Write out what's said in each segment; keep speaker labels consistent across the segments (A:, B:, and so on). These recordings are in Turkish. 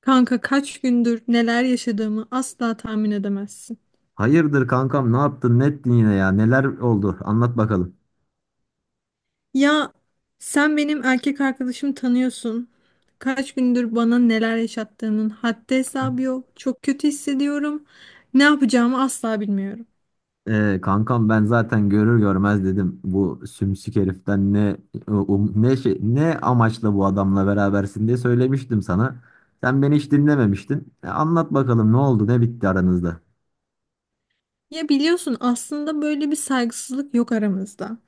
A: Kanka kaç gündür neler yaşadığımı asla tahmin edemezsin.
B: Hayırdır kankam, ne yaptın ne ettin yine ya, neler oldu anlat bakalım.
A: Ya sen benim erkek arkadaşımı tanıyorsun. Kaç gündür bana neler yaşattığının haddi hesabı yok. Çok kötü hissediyorum. Ne yapacağımı asla bilmiyorum.
B: Kankam, ben zaten görür görmez dedim bu sümsük heriften ne ne amaçla bu adamla berabersin diye söylemiştim sana. Sen beni hiç dinlememiştin. Anlat bakalım ne oldu ne bitti aranızda.
A: Ya biliyorsun aslında böyle bir saygısızlık yok aramızda.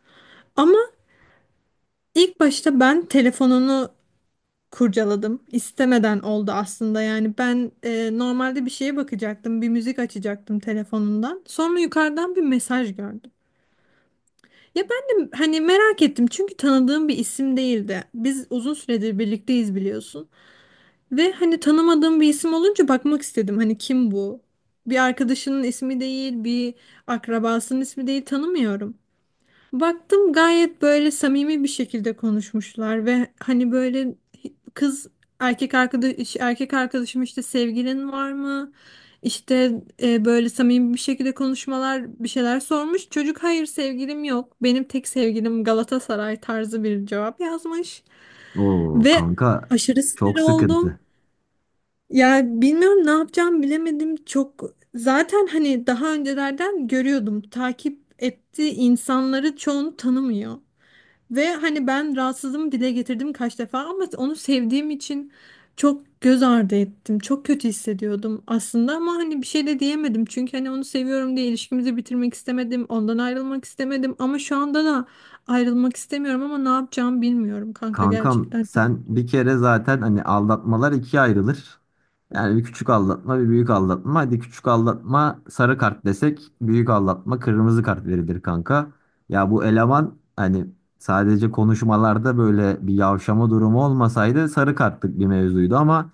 A: Ama ilk başta ben telefonunu kurcaladım. İstemeden oldu aslında. Yani ben normalde bir şeye bakacaktım, bir müzik açacaktım telefonundan. Sonra yukarıdan bir mesaj gördüm. Ya ben de hani merak ettim çünkü tanıdığım bir isim değildi. Biz uzun süredir birlikteyiz biliyorsun. Ve hani tanımadığım bir isim olunca bakmak istedim. Hani kim bu? Bir arkadaşının ismi değil, bir akrabasının ismi değil tanımıyorum. Baktım gayet böyle samimi bir şekilde konuşmuşlar ve hani böyle kız erkek arkadaşım işte sevgilin var mı? İşte böyle samimi bir şekilde konuşmalar bir şeyler sormuş. Çocuk hayır sevgilim yok. Benim tek sevgilim Galatasaray tarzı bir cevap yazmış
B: Oo
A: ve
B: kanka,
A: aşırı
B: çok
A: sinir oldum.
B: sıkıntı.
A: Ya bilmiyorum ne yapacağım bilemedim çok. Zaten hani daha öncelerden görüyordum takip ettiği insanları çoğunu tanımıyor. Ve hani ben rahatsızlığımı dile getirdim kaç defa ama onu sevdiğim için çok göz ardı ettim. Çok kötü hissediyordum aslında ama hani bir şey de diyemedim. Çünkü hani onu seviyorum diye ilişkimizi bitirmek istemedim. Ondan ayrılmak istemedim ama şu anda da ayrılmak istemiyorum ama ne yapacağımı bilmiyorum kanka,
B: Kankam,
A: gerçekten çok
B: sen
A: kötü.
B: bir kere zaten hani aldatmalar ikiye ayrılır. Yani bir küçük aldatma bir büyük aldatma. Hadi küçük aldatma sarı kart desek, büyük aldatma kırmızı kart verilir kanka. Ya bu eleman hani sadece konuşmalarda böyle bir yavşama durumu olmasaydı sarı kartlık bir mevzuydu ama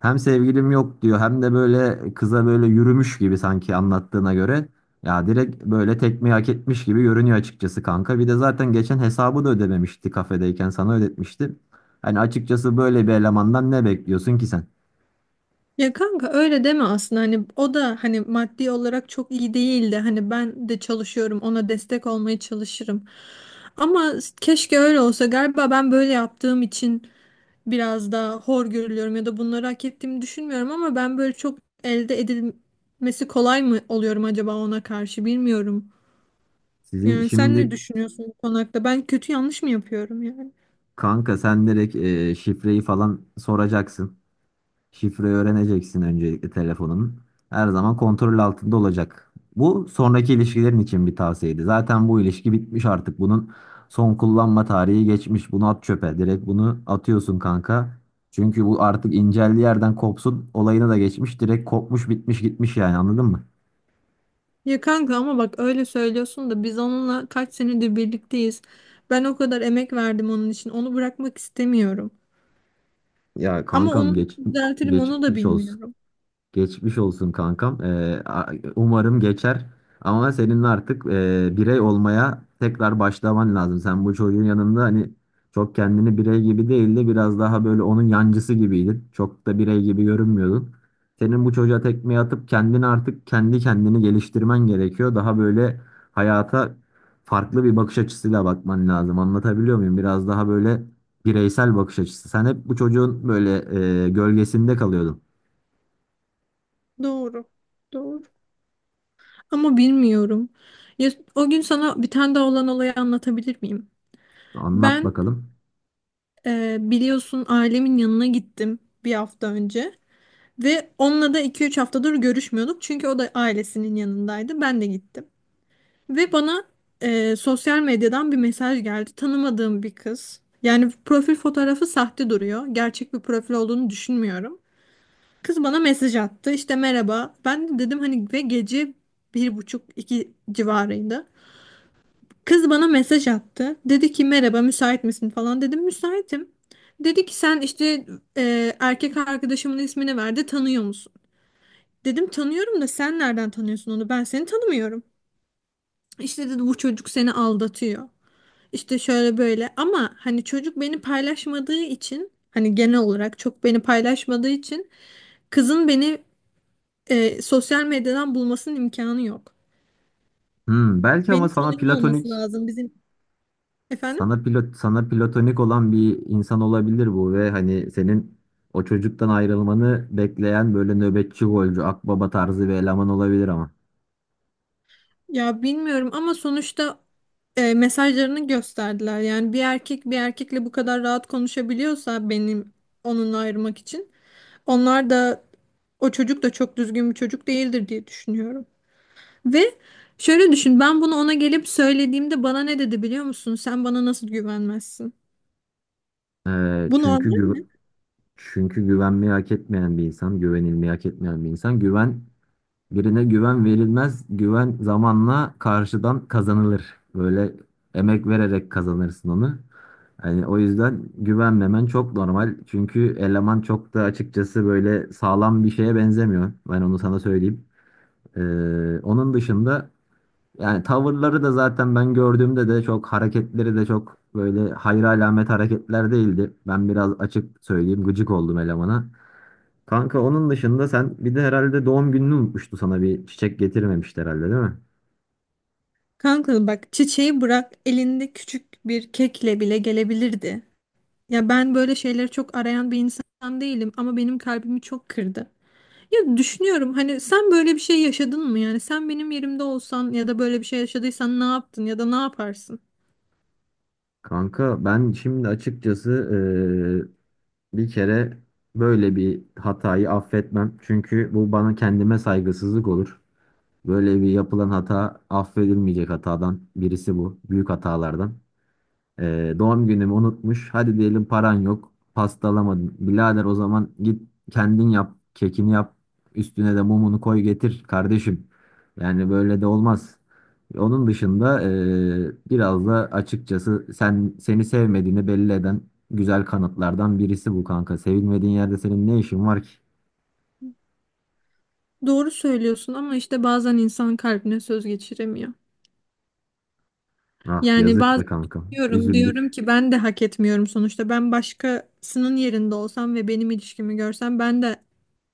B: hem sevgilim yok diyor hem de böyle kıza böyle yürümüş gibi sanki anlattığına göre. Ya direkt böyle tekmeyi hak etmiş gibi görünüyor açıkçası kanka. Bir de zaten geçen hesabı da ödememişti, kafedeyken sana ödetmişti. Hani açıkçası böyle bir elemandan ne bekliyorsun ki sen?
A: Ya kanka öyle deme, aslında hani o da hani maddi olarak çok iyi değildi. Hani ben de çalışıyorum, ona destek olmaya çalışırım. Ama keşke öyle olsa. Galiba ben böyle yaptığım için biraz daha hor görülüyorum ya da bunları hak ettiğimi düşünmüyorum ama ben böyle çok elde edilmesi kolay mı oluyorum acaba ona karşı, bilmiyorum.
B: Sizin
A: Yani sen ne
B: şimdi
A: düşünüyorsun bu konu hakkında? Ben kötü, yanlış mı yapıyorum yani?
B: kanka, sen direkt şifreyi falan soracaksın. Şifreyi öğreneceksin öncelikle telefonun. Her zaman kontrol altında olacak. Bu sonraki ilişkilerin için bir tavsiyeydi. Zaten bu ilişki bitmiş artık. Bunun son kullanma tarihi geçmiş. Bunu at çöpe. Direkt bunu atıyorsun kanka. Çünkü bu artık inceldiği yerden kopsun. Olayına da geçmiş. Direkt kopmuş bitmiş gitmiş, yani anladın mı?
A: Ya kanka ama bak öyle söylüyorsun da biz onunla kaç senedir birlikteyiz. Ben o kadar emek verdim onun için. Onu bırakmak istemiyorum.
B: Ya
A: Ama
B: kankam,
A: onu düzeltirim onu da
B: geçmiş olsun.
A: bilmiyorum.
B: Geçmiş olsun kankam. Umarım geçer. Ama senin artık birey olmaya tekrar başlaman lazım. Sen bu çocuğun yanında hani çok kendini birey gibi değil de biraz daha böyle onun yancısı gibiydin. Çok da birey gibi görünmüyordun. Senin bu çocuğa tekmeyi atıp kendini artık kendi kendini geliştirmen gerekiyor. Daha böyle hayata farklı bir bakış açısıyla bakman lazım. Anlatabiliyor muyum? Biraz daha böyle bireysel bakış açısı. Sen hep bu çocuğun böyle gölgesinde kalıyordun.
A: Doğru. Doğru. Ama bilmiyorum. Ya, o gün sana bir tane daha olan olayı anlatabilir miyim?
B: Anlat
A: Ben
B: bakalım.
A: Biliyorsun ailemin yanına gittim bir hafta önce ve onunla da iki üç haftadır görüşmüyorduk çünkü o da ailesinin yanındaydı, ben de gittim ve bana sosyal medyadan bir mesaj geldi. Tanımadığım bir kız, yani profil fotoğrafı sahte duruyor, gerçek bir profil olduğunu düşünmüyorum. Kız bana mesaj attı, işte merhaba, ben de dedim hani ve gece bir buçuk iki civarıydı. Kız bana mesaj attı. Dedi ki merhaba müsait misin, falan dedim müsaitim. Dedi ki sen işte erkek arkadaşımın ismini verdi, tanıyor musun? Dedim tanıyorum da sen nereden tanıyorsun onu, ben seni tanımıyorum. İşte dedi bu çocuk seni aldatıyor. İşte şöyle böyle, ama hani çocuk beni paylaşmadığı için, hani genel olarak çok beni paylaşmadığı için kızın beni sosyal medyadan bulmasının imkanı yok.
B: Hmm, belki ama
A: Beni tanıyor olması lazım bizim, efendim.
B: sana platonik olan bir insan olabilir bu ve hani senin o çocuktan ayrılmanı bekleyen böyle nöbetçi golcü akbaba tarzı bir eleman olabilir ama.
A: Ya bilmiyorum ama sonuçta mesajlarını gösterdiler. Yani bir erkek bir erkekle bu kadar rahat konuşabiliyorsa, benim onunla ayırmak için onlar da, o çocuk da çok düzgün bir çocuk değildir diye düşünüyorum. Ve şöyle düşün, ben bunu ona gelip söylediğimde bana ne dedi biliyor musun? Sen bana nasıl güvenmezsin?
B: Ee,
A: Bu
B: çünkü
A: normal
B: gü-
A: mi?
B: Çünkü güvenmeyi hak etmeyen bir insan, güvenilmeyi hak etmeyen bir insan. Birine güven verilmez, güven zamanla karşıdan kazanılır. Böyle emek vererek kazanırsın onu. Yani o yüzden güvenmemen çok normal. Çünkü eleman çok da açıkçası böyle sağlam bir şeye benzemiyor. Ben onu sana söyleyeyim. Ee, Onun dışında yani tavırları da zaten ben gördüğümde de çok hareketleri de çok böyle hayra alamet hareketler değildi. Ben biraz açık söyleyeyim, gıcık oldum elemana. Kanka, onun dışında sen bir de herhalde doğum gününü unutmuştu, sana bir çiçek getirmemişti herhalde değil mi?
A: Kanka bak, çiçeği bırak, elinde küçük bir kekle bile gelebilirdi. Ya ben böyle şeyleri çok arayan bir insan değilim ama benim kalbimi çok kırdı. Ya düşünüyorum, hani sen böyle bir şey yaşadın mı, yani sen benim yerimde olsan ya da böyle bir şey yaşadıysan ne yaptın ya da ne yaparsın?
B: Kanka, ben şimdi açıkçası bir kere böyle bir hatayı affetmem. Çünkü bu bana kendime saygısızlık olur. Böyle bir yapılan hata affedilmeyecek hatadan birisi bu. Büyük hatalardan. Doğum günümü unutmuş. Hadi diyelim paran yok. Pasta alamadın. Birader, o zaman git kendin yap. Kekini yap. Üstüne de mumunu koy getir kardeşim. Yani böyle de olmaz. Onun dışında biraz da açıkçası sen seni sevmediğini belli eden güzel kanıtlardan birisi bu kanka. Sevilmediğin yerde senin ne işin var ki?
A: Doğru söylüyorsun ama işte bazen insan kalbine söz geçiremiyor.
B: Ah
A: Yani
B: yazık
A: bazen
B: be kanka.
A: diyorum
B: Üzüldük.
A: ki ben de hak etmiyorum. Sonuçta ben başkasının yerinde olsam ve benim ilişkimi görsem ben de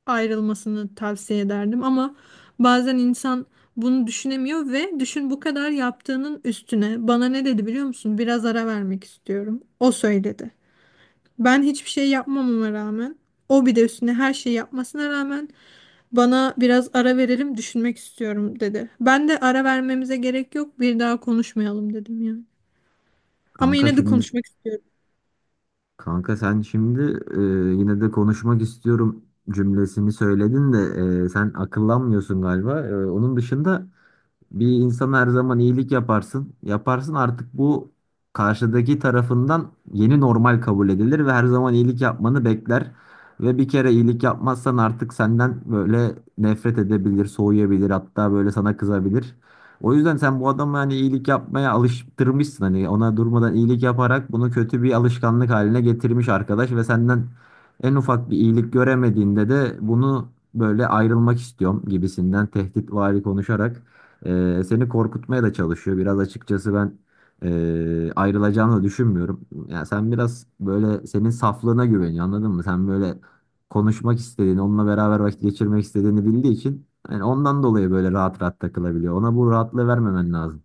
A: ayrılmasını tavsiye ederdim ama bazen insan bunu düşünemiyor. Ve düşün, bu kadar yaptığının üstüne bana ne dedi biliyor musun? Biraz ara vermek istiyorum. O söyledi. Ben hiçbir şey yapmamama rağmen, o bir de üstüne her şeyi yapmasına rağmen bana biraz ara verelim, düşünmek istiyorum dedi. Ben de ara vermemize gerek yok, bir daha konuşmayalım dedim yani. Ama
B: Kanka
A: yine de
B: şimdi
A: konuşmak istiyorum.
B: Kanka sen şimdi e, yine de konuşmak istiyorum cümlesini söyledin de sen akıllanmıyorsun galiba. Onun dışında bir insana her zaman iyilik yaparsın. Yaparsın artık bu karşıdaki tarafından yeni normal kabul edilir ve her zaman iyilik yapmanı bekler. Ve bir kere iyilik yapmazsan artık senden böyle nefret edebilir, soğuyabilir, hatta böyle sana kızabilir. O yüzden sen bu adamı hani iyilik yapmaya alıştırmışsın, hani ona durmadan iyilik yaparak bunu kötü bir alışkanlık haline getirmiş arkadaş ve senden en ufak bir iyilik göremediğinde de bunu böyle ayrılmak istiyorum gibisinden tehditvari konuşarak seni korkutmaya da çalışıyor. Biraz açıkçası ben ayrılacağını da düşünmüyorum. Yani sen biraz böyle, senin saflığına güveniyor anladın mı? Sen böyle konuşmak istediğini, onunla beraber vakit geçirmek istediğini bildiği için yani ondan dolayı böyle rahat rahat takılabiliyor. Ona bu rahatlığı vermemen lazım.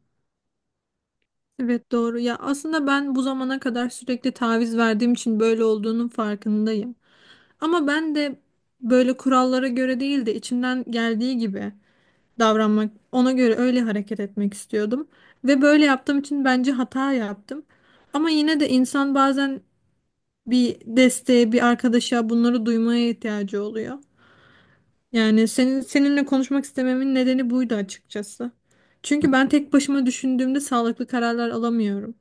A: Evet doğru ya, aslında ben bu zamana kadar sürekli taviz verdiğim için böyle olduğunun farkındayım. Ama ben de böyle kurallara göre değil de içimden geldiği gibi davranmak, ona göre öyle hareket etmek istiyordum. Ve böyle yaptığım için bence hata yaptım. Ama yine de insan bazen bir desteğe, bir arkadaşa bunları duymaya ihtiyacı oluyor. Yani senin seninle konuşmak istememin nedeni buydu açıkçası. Çünkü ben tek başıma düşündüğümde sağlıklı kararlar alamıyorum.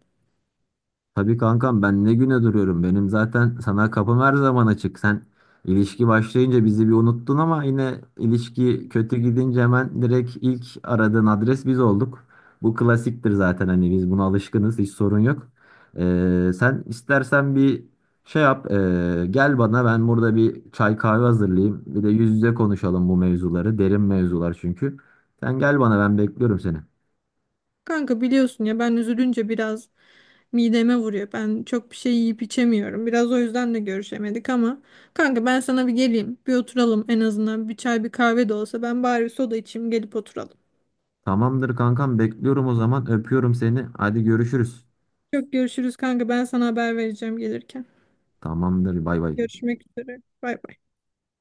B: Tabii kankam, ben ne güne duruyorum. Benim zaten sana kapım her zaman açık. Sen ilişki başlayınca bizi bir unuttun ama yine ilişki kötü gidince hemen direkt ilk aradığın adres biz olduk. Bu klasiktir zaten, hani biz buna alışkınız, hiç sorun yok. Sen istersen bir şey yap, gel bana, ben burada bir çay kahve hazırlayayım. Bir de yüz yüze konuşalım bu mevzuları, derin mevzular çünkü. Sen gel bana, ben bekliyorum seni.
A: Kanka biliyorsun ya, ben üzülünce biraz mideme vuruyor. Ben çok bir şey yiyip içemiyorum. Biraz o yüzden de görüşemedik ama kanka ben sana bir geleyim. Bir oturalım en azından. Bir çay bir kahve de olsa, ben bari bir soda içeyim, gelip oturalım.
B: Tamamdır kankam, bekliyorum o zaman, öpüyorum seni. Hadi görüşürüz.
A: Çok görüşürüz kanka. Ben sana haber vereceğim gelirken.
B: Tamamdır. Bay bay.
A: Görüşmek üzere. Bay bay.